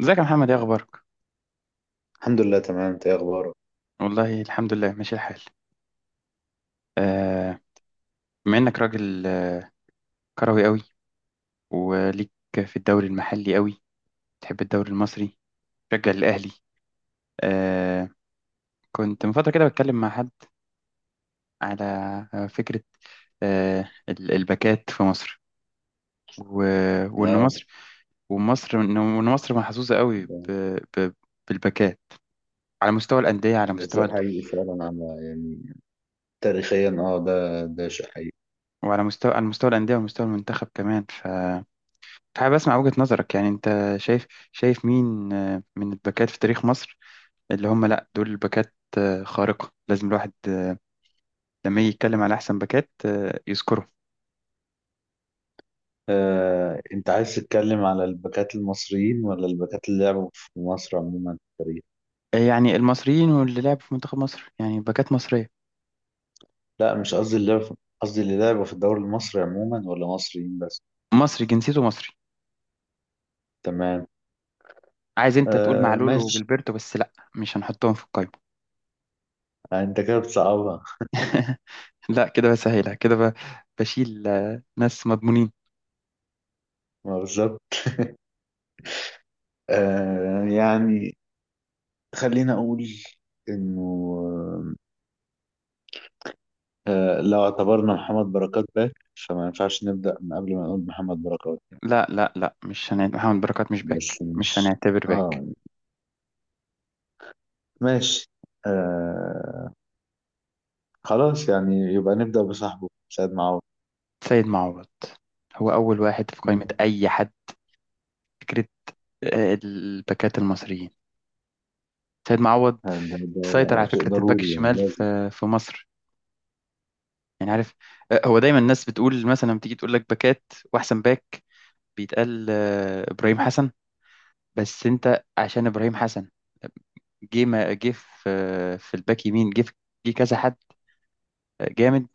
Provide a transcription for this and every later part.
ازيك يا محمد ايه اخبارك؟ الحمد لله، تمام. انت ايه اخبارك؟ والله الحمد لله ماشي الحال. آه بما انك راجل كروي قوي وليك في الدوري المحلي قوي، تحب الدوري المصري؟ تشجع الاهلي؟ آه كنت من فتره كده بتكلم مع حد على فكره الباكات في مصر و... وان اه، مصر ومصر وان وإن مصر محظوظه قوي ب... بالباكات، على مستوى الانديه، على ده مستوى شيء حقيقي فعلا، على يعني، تاريخيا، ده شيء حقيقي. وعلى مستوى الانديه ومستوى المنتخب كمان. حابب اسمع وجهة نظرك، يعني انت شايف مين من الباكات في تاريخ مصر، اللي هم لا دول الباكات خارقة، لازم الواحد لما يجي يتكلم على احسن باكات يذكره. انت عايز تتكلم على الباكات المصريين ولا الباكات اللي لعبوا في مصر عموما في التاريخ؟ يعني المصريين واللي لعبوا في منتخب مصر، يعني باكات مصرية، لا، مش قصدي قصدي اللي لعبوا في الدوري المصري عموما ولا مصريين بس. مصري جنسيته مصري. تمام. عايز انت تقول آه، معلول ماشي. وجilberto، بس لا مش هنحطهم في القائمة. انت كده بتصعبها. لا كده بسهلها كده بشيل ناس مضمونين. ما بالظبط. يعني، خلينا اقول انه، لو اعتبرنا محمد بركات باك فما ينفعش نبدأ من قبل ما نقول محمد بركات. لا مش هنعتبر محمد بركات، مش بس باك، مش مش، هنعتبر باك. اه، ماشي. آه، خلاص، يعني يبقى نبدأ بصاحبه سيد معوض. سيد معوض هو أول واحد في مم. قائمة أي حد، فكرة الباكات المصريين. سيد معوض آه، ده, سيطر ده على شيء فكرة الباك ضروري، يعني الشمال لازم. في مصر، يعني عارف؟ هو دايما الناس بتقول مثلا لما تيجي تقول لك باكات وأحسن باك، بيتقال إبراهيم حسن. بس أنت عشان إبراهيم حسن، جه ما جه في في الباك يمين، جه كذا حد جامد،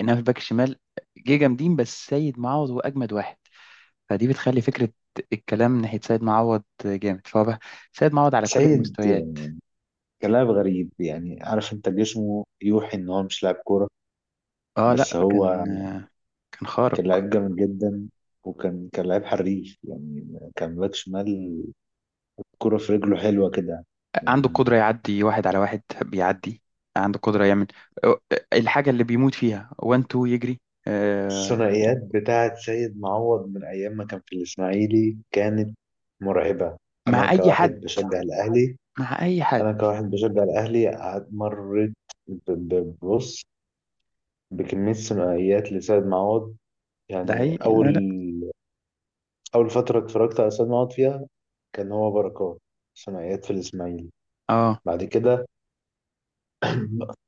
إنما في الباك الشمال جه جامدين، بس سيد معوض هو أجمد واحد. فدي بتخلي فكرة الكلام ناحية سيد معوض جامد، فهو بقى سيد معوض على كل سيد، المستويات. كلاعب غريب، يعني عارف انت جسمه يوحي ان هو مش لاعب كورة. اه لا بس كان، هو كان خارق. كان لعيب جامد جدا. وكان كان لعيب حريف، يعني كان باك شمال، كرة في رجله حلوة كده عنده يعني. قدرة يعدي واحد على واحد بيعدي، عنده قدرة يعمل الحاجة اللي بيموت فيها وان تو يجري. آه، الثنائيات بتاعة سيد معوض من أيام ما كان في الإسماعيلي كانت مرعبة. أنا مع أي كواحد حد، بشجع الأهلي مع أي حد. أنا كواحد بشجع الأهلي مريت ب- ب- ببص بكمية ثنائيات لسيد معوض. ده يعني هي، أول لا لا. أول فترة اتفرجت على سيد معوض فيها كان هو بركات، ثنائيات في الإسماعيلي. اه. بعد كده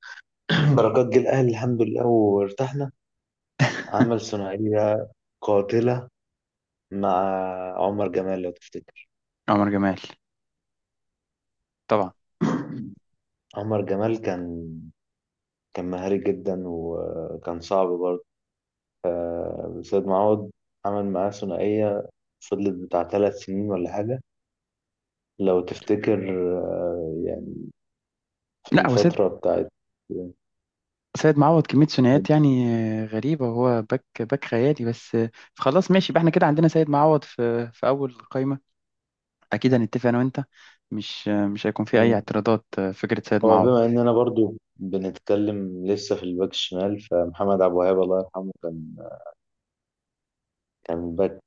بركات جه الأهلي، الحمد لله وارتحنا. عمل ثنائية قاتلة مع عمر جمال لو تفتكر. عمر جمال طبعا. عمر جمال كان مهاري جدا، وكان صعب برضه. سيد معوض عمل معاه ثنائية فضلت بتاع 3 سنين ولا حاجة لو تفتكر. يعني في لا هو سيد، الفترة بتاعت سيد معوض كمية ثنائيات يعني غريبة، وهو باك، باك خيالي بس. خلاص ماشي، يبقى احنا كده عندنا سيد معوض في أول قائمة. اكيد هنتفق انا وانت، مش هيكون في اي مم. اعتراضات. فكره سيد هو معوض. بما إننا برضو بنتكلم لسه في الباك الشمال، فمحمد عبد الوهاب الله يرحمه كان باك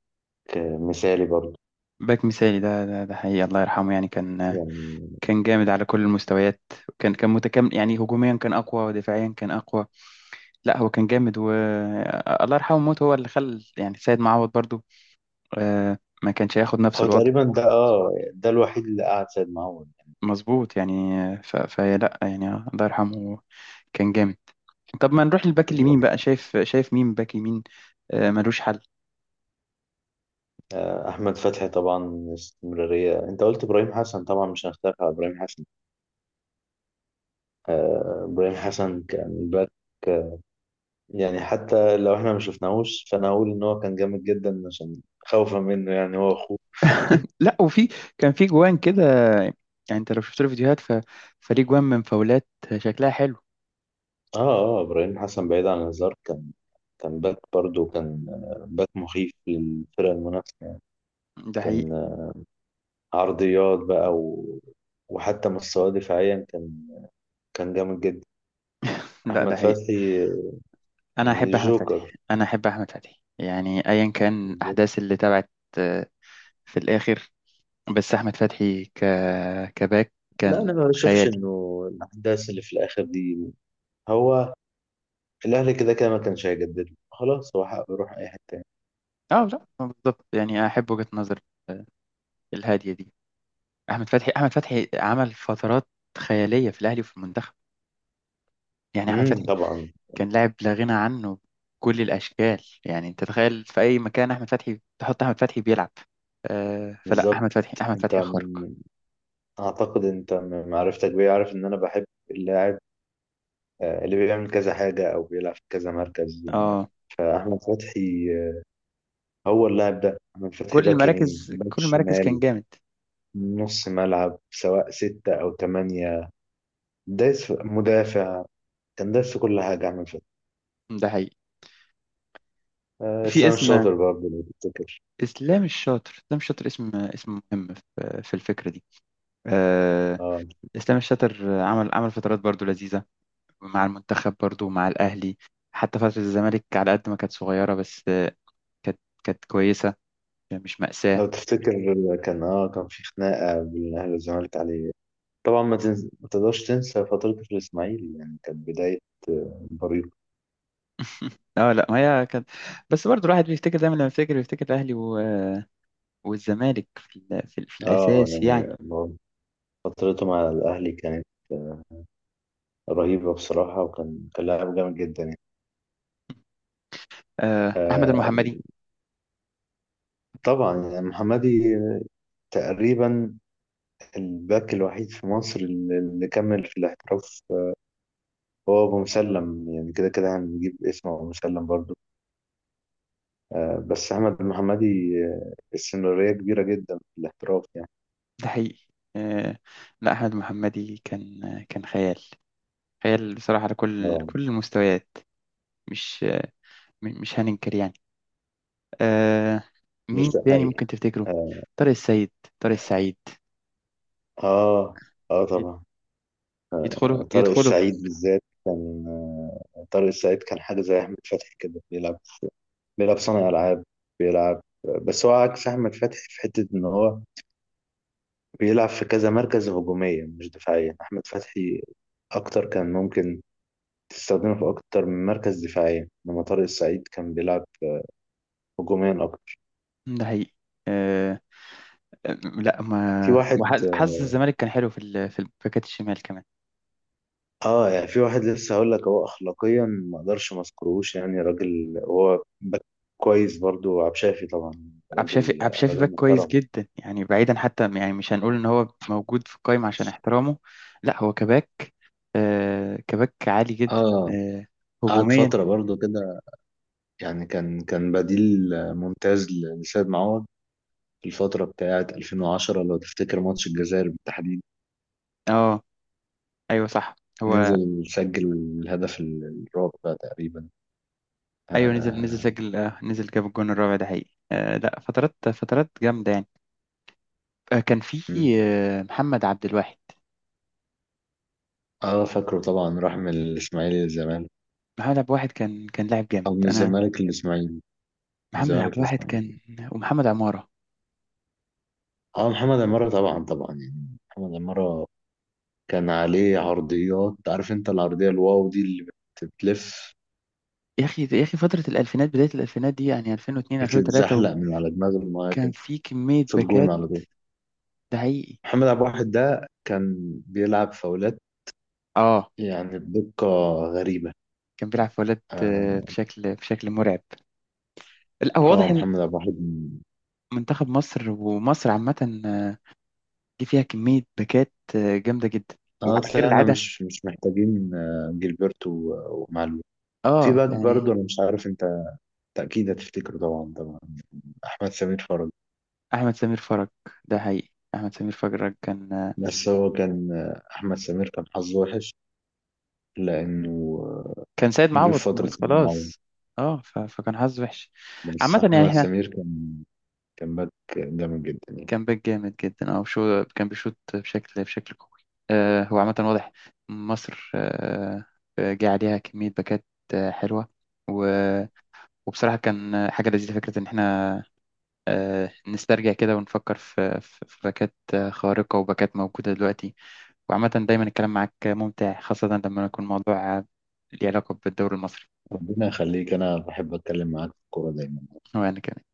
مثالي برضو باك مثالي، ده ده حقيقي، الله يرحمه، يعني كان، يعني. كان جامد على كل المستويات، وكان متكامل، يعني هجوميا كان اقوى ودفاعيا كان اقوى. لا هو كان جامد، و الله يرحمه موت هو اللي خل، يعني سيد معوض برضو ما كانش هياخد نفس هو الوضع. تقريبا ده الوحيد اللي قعد سيد معوض. مظبوط يعني. فلا يعني الله يرحمه كان جامد. طب ما نروح للباك اليمين بقى، شايف مين باك يمين ملوش حل؟ أحمد فتحي طبعا، استمرارية. أنت قلت إبراهيم حسن، طبعا مش هنختلف على إبراهيم حسن. إبراهيم حسن كان باك، يعني حتى لو إحنا ما شفناهوش فأنا أقول إن هو كان جامد جدا عشان خوفا منه، يعني هو أخوه. لا وفي، كان في جوان كده، يعني انت لو شفت له فيديوهات فليه جوان من فاولات شكلها حلو. إبراهيم حسن بعيد عن الهزار، كان باك برضه. كان باك مخيف للفرق المنافسة يعني. ده حقيقي. كان عرضيات بقى، وحتى مستواه دفاعيا كان جامد جدا. لا ده أحمد حقيقي، فتحي، انا يعني احب احمد فتحي، جوكر. يعني ايا كان الاحداث اللي تبعت آه، في الاخر. بس احمد فتحي كباك لا، كان انا ما بشوفش خيالي. انه الاحداث اللي في الاخر دي، هو الاهلي كده كده ما كانش هيجدد له. خلاص هو حقه يروح اي حته تاني. اه لا بالظبط، يعني احب وجهة نظر آه، الهادية دي. احمد فتحي، احمد فتحي عمل فترات خيالية في الاهلي وفي المنتخب. يعني احمد فتحي طبعا، كان لاعب لا غنى عنه بكل الأشكال، يعني أنت تخيل في أي مكان أحمد فتحي تحط، أحمد فتحي بيلعب. فلا بالظبط. أحمد فتحي، أحمد انت فتحي خارق. من اعتقد انت من معرفتك بيه عارف ان انا بحب اللاعب، اللي بيعمل كذا حاجه او بيلعب في كذا مركز. آه فاحمد فتحي، هو اللاعب ده. احمد فتحي كل باك يمين، المراكز باك كل المراكز كان شمال، جامد. نص ملعب سواء ستة أو تمانية، دايس مدافع. كان دايس في كل حاجة أحمد فتحي. ده حقيقي. في إسلام اسم، الشاطر برضه لو تفتكر. إسلام الشاطر، إسلام الشاطر اسم، مهم في الفكرة دي. آه آه. إسلام الشاطر عمل، فترات برضو لذيذة مع المنتخب، برضو مع الأهلي. حتى فترة الزمالك على قد ما كانت صغيرة بس كانت كويسة، مش مأساة. لو تفتكر كان في خناقة بين الأهلي والزمالك عليه. طبعا ما تقدرش تنسى فترة الإسماعيلي، يعني كانت بداية، بريق. اه لا ما هي كانت، بس برضو الواحد بيفتكر دايما لما يفتكر، بيفتكر الاهلي والزمالك في في اه الاساس يعني. يعني فترته مع الأهلي كانت، آه، رهيبة بصراحة، وكان كان لاعب جامد جدا يعني. احمد آه المحمدي. طبعا، يعني محمدي تقريبا الباك الوحيد في مصر اللي كمل في الاحتراف. هو أبو مسلم، يعني كده كده هنجيب اسمه أبو مسلم برضه. بس أحمد المحمدي، استمرارية كبيرة جدا في الاحتراف يعني. ده حقيقي. آه لا احمد المحمدي كان، كان خيال، خيال بصراحة على كل اه، كل المستويات. مش، مش هننكر يعني. آه مين لسه تاني حقيقي. ممكن تفتكره؟ اه. طارق السيد، طارق السعيد اه، طبعا. يدخلوا طارق يدخلوا في- السعيد بالذات كان، طارق السعيد كان حاجة زي أحمد فتحي كده، بيلعب صانع ألعاب بيلعب. بس هو عكس أحمد فتحي في حتة إن هو بيلعب في كذا مركز هجومية مش دفاعية. أحمد فتحي أكتر كان ممكن تستخدمه في أكتر من مركز دفاعيا، إنما طارق السعيد كان بيلعب هجوميا أكتر. ده حقيقي. آه لا في ما واحد حظ الزمالك كان حلو في في الباكات الشمال كمان. في واحد لسه هقول لك. هو اخلاقيا ما اقدرش ما اذكرهوش، يعني راجل. هو باك كويس برضو، عبد شافي طبعا، عبد الشافي، عبد راجل، الشافي راجل باك كويس محترم. جدا، يعني بعيدا حتى، يعني مش هنقول ان هو موجود في القايمة عشان احترامه. لا هو كباك كباك عالي جدا. اه، آه قعد هجوميا. فترة برضو كده. يعني كان بديل ممتاز لسيد معوض في الفترة بتاعة 2010، لو تفتكر ماتش الجزائر بالتحديد. اه ايوه صح، هو نزل سجل الهدف الرابع تقريبا. ايوه نزل، نزل اه. سجل آه نزل جاب الجون الرابع، ده حقيقي. لا فترات، فترات جامدة يعني. آه كان في م. آه محمد عبد الواحد، فاكره طبعا، راح من الإسماعيلي للزمالك، محمد عبد الواحد كان، كان لاعب جامد، أو من انا، الزمالك للإسماعيلي، من محمد الزمالك عبد الواحد للإسماعيلي. كان، ومحمد عمارة. اه محمد عمارة، طبعا طبعا يعني. محمد عمارة كان عليه عرضيات. عارف انت العرضية الواو دي اللي بتلف، يا اخي، يا اخي، فترة الالفينات، بداية الالفينات دي، يعني 2002 2003، بتتزحلق من على دماغ وكان المهاجم، في كمية في الجون باكات، على طول. ده حقيقي. محمد عبد الواحد ده كان بيلعب فاولات، اه يعني بدقة غريبة. كان بيلعب في ولاد اه، بشكل مرعب. لا هو واضح ان محمد عبد الواحد منتخب مصر ومصر عامة آه، جه فيها كمية باكات جامدة جدا، اه وعلى غير طلعنا العادة. مش محتاجين، جilberto ومعلول. في اه باك يعني، برضه، انا مش عارف انت، تأكيد هتفتكره طبعا طبعا، احمد سمير فرج. احمد سمير فرج، ده حقيقي، احمد سمير فرج كان بس هو كان، احمد سمير كان حظه وحش لأنه كان سيد جه في معوض. فترة معاهم. خلاص، اه فكان حظ وحش بس عامة. يعني أحمد احنا، سمير كان باك جامد جدا يعني. كان باك جامد جدا، اه شو كان بيشوط بشكل قوي. هو عامة واضح مصر، جه عليها كمية باكات حلوة، و... وبصراحة كان حاجة لذيذة، فكرة إن احنا نسترجع كده ونفكر في باكات خارقة وباكات موجودة دلوقتي. وعامة دايما الكلام معاك ممتع، خاصة لما يكون موضوع ليه علاقة بالدوري المصري. ربنا يخليك، أنا بحب أتكلم معاك في الكورة دايما. وأنا كمان.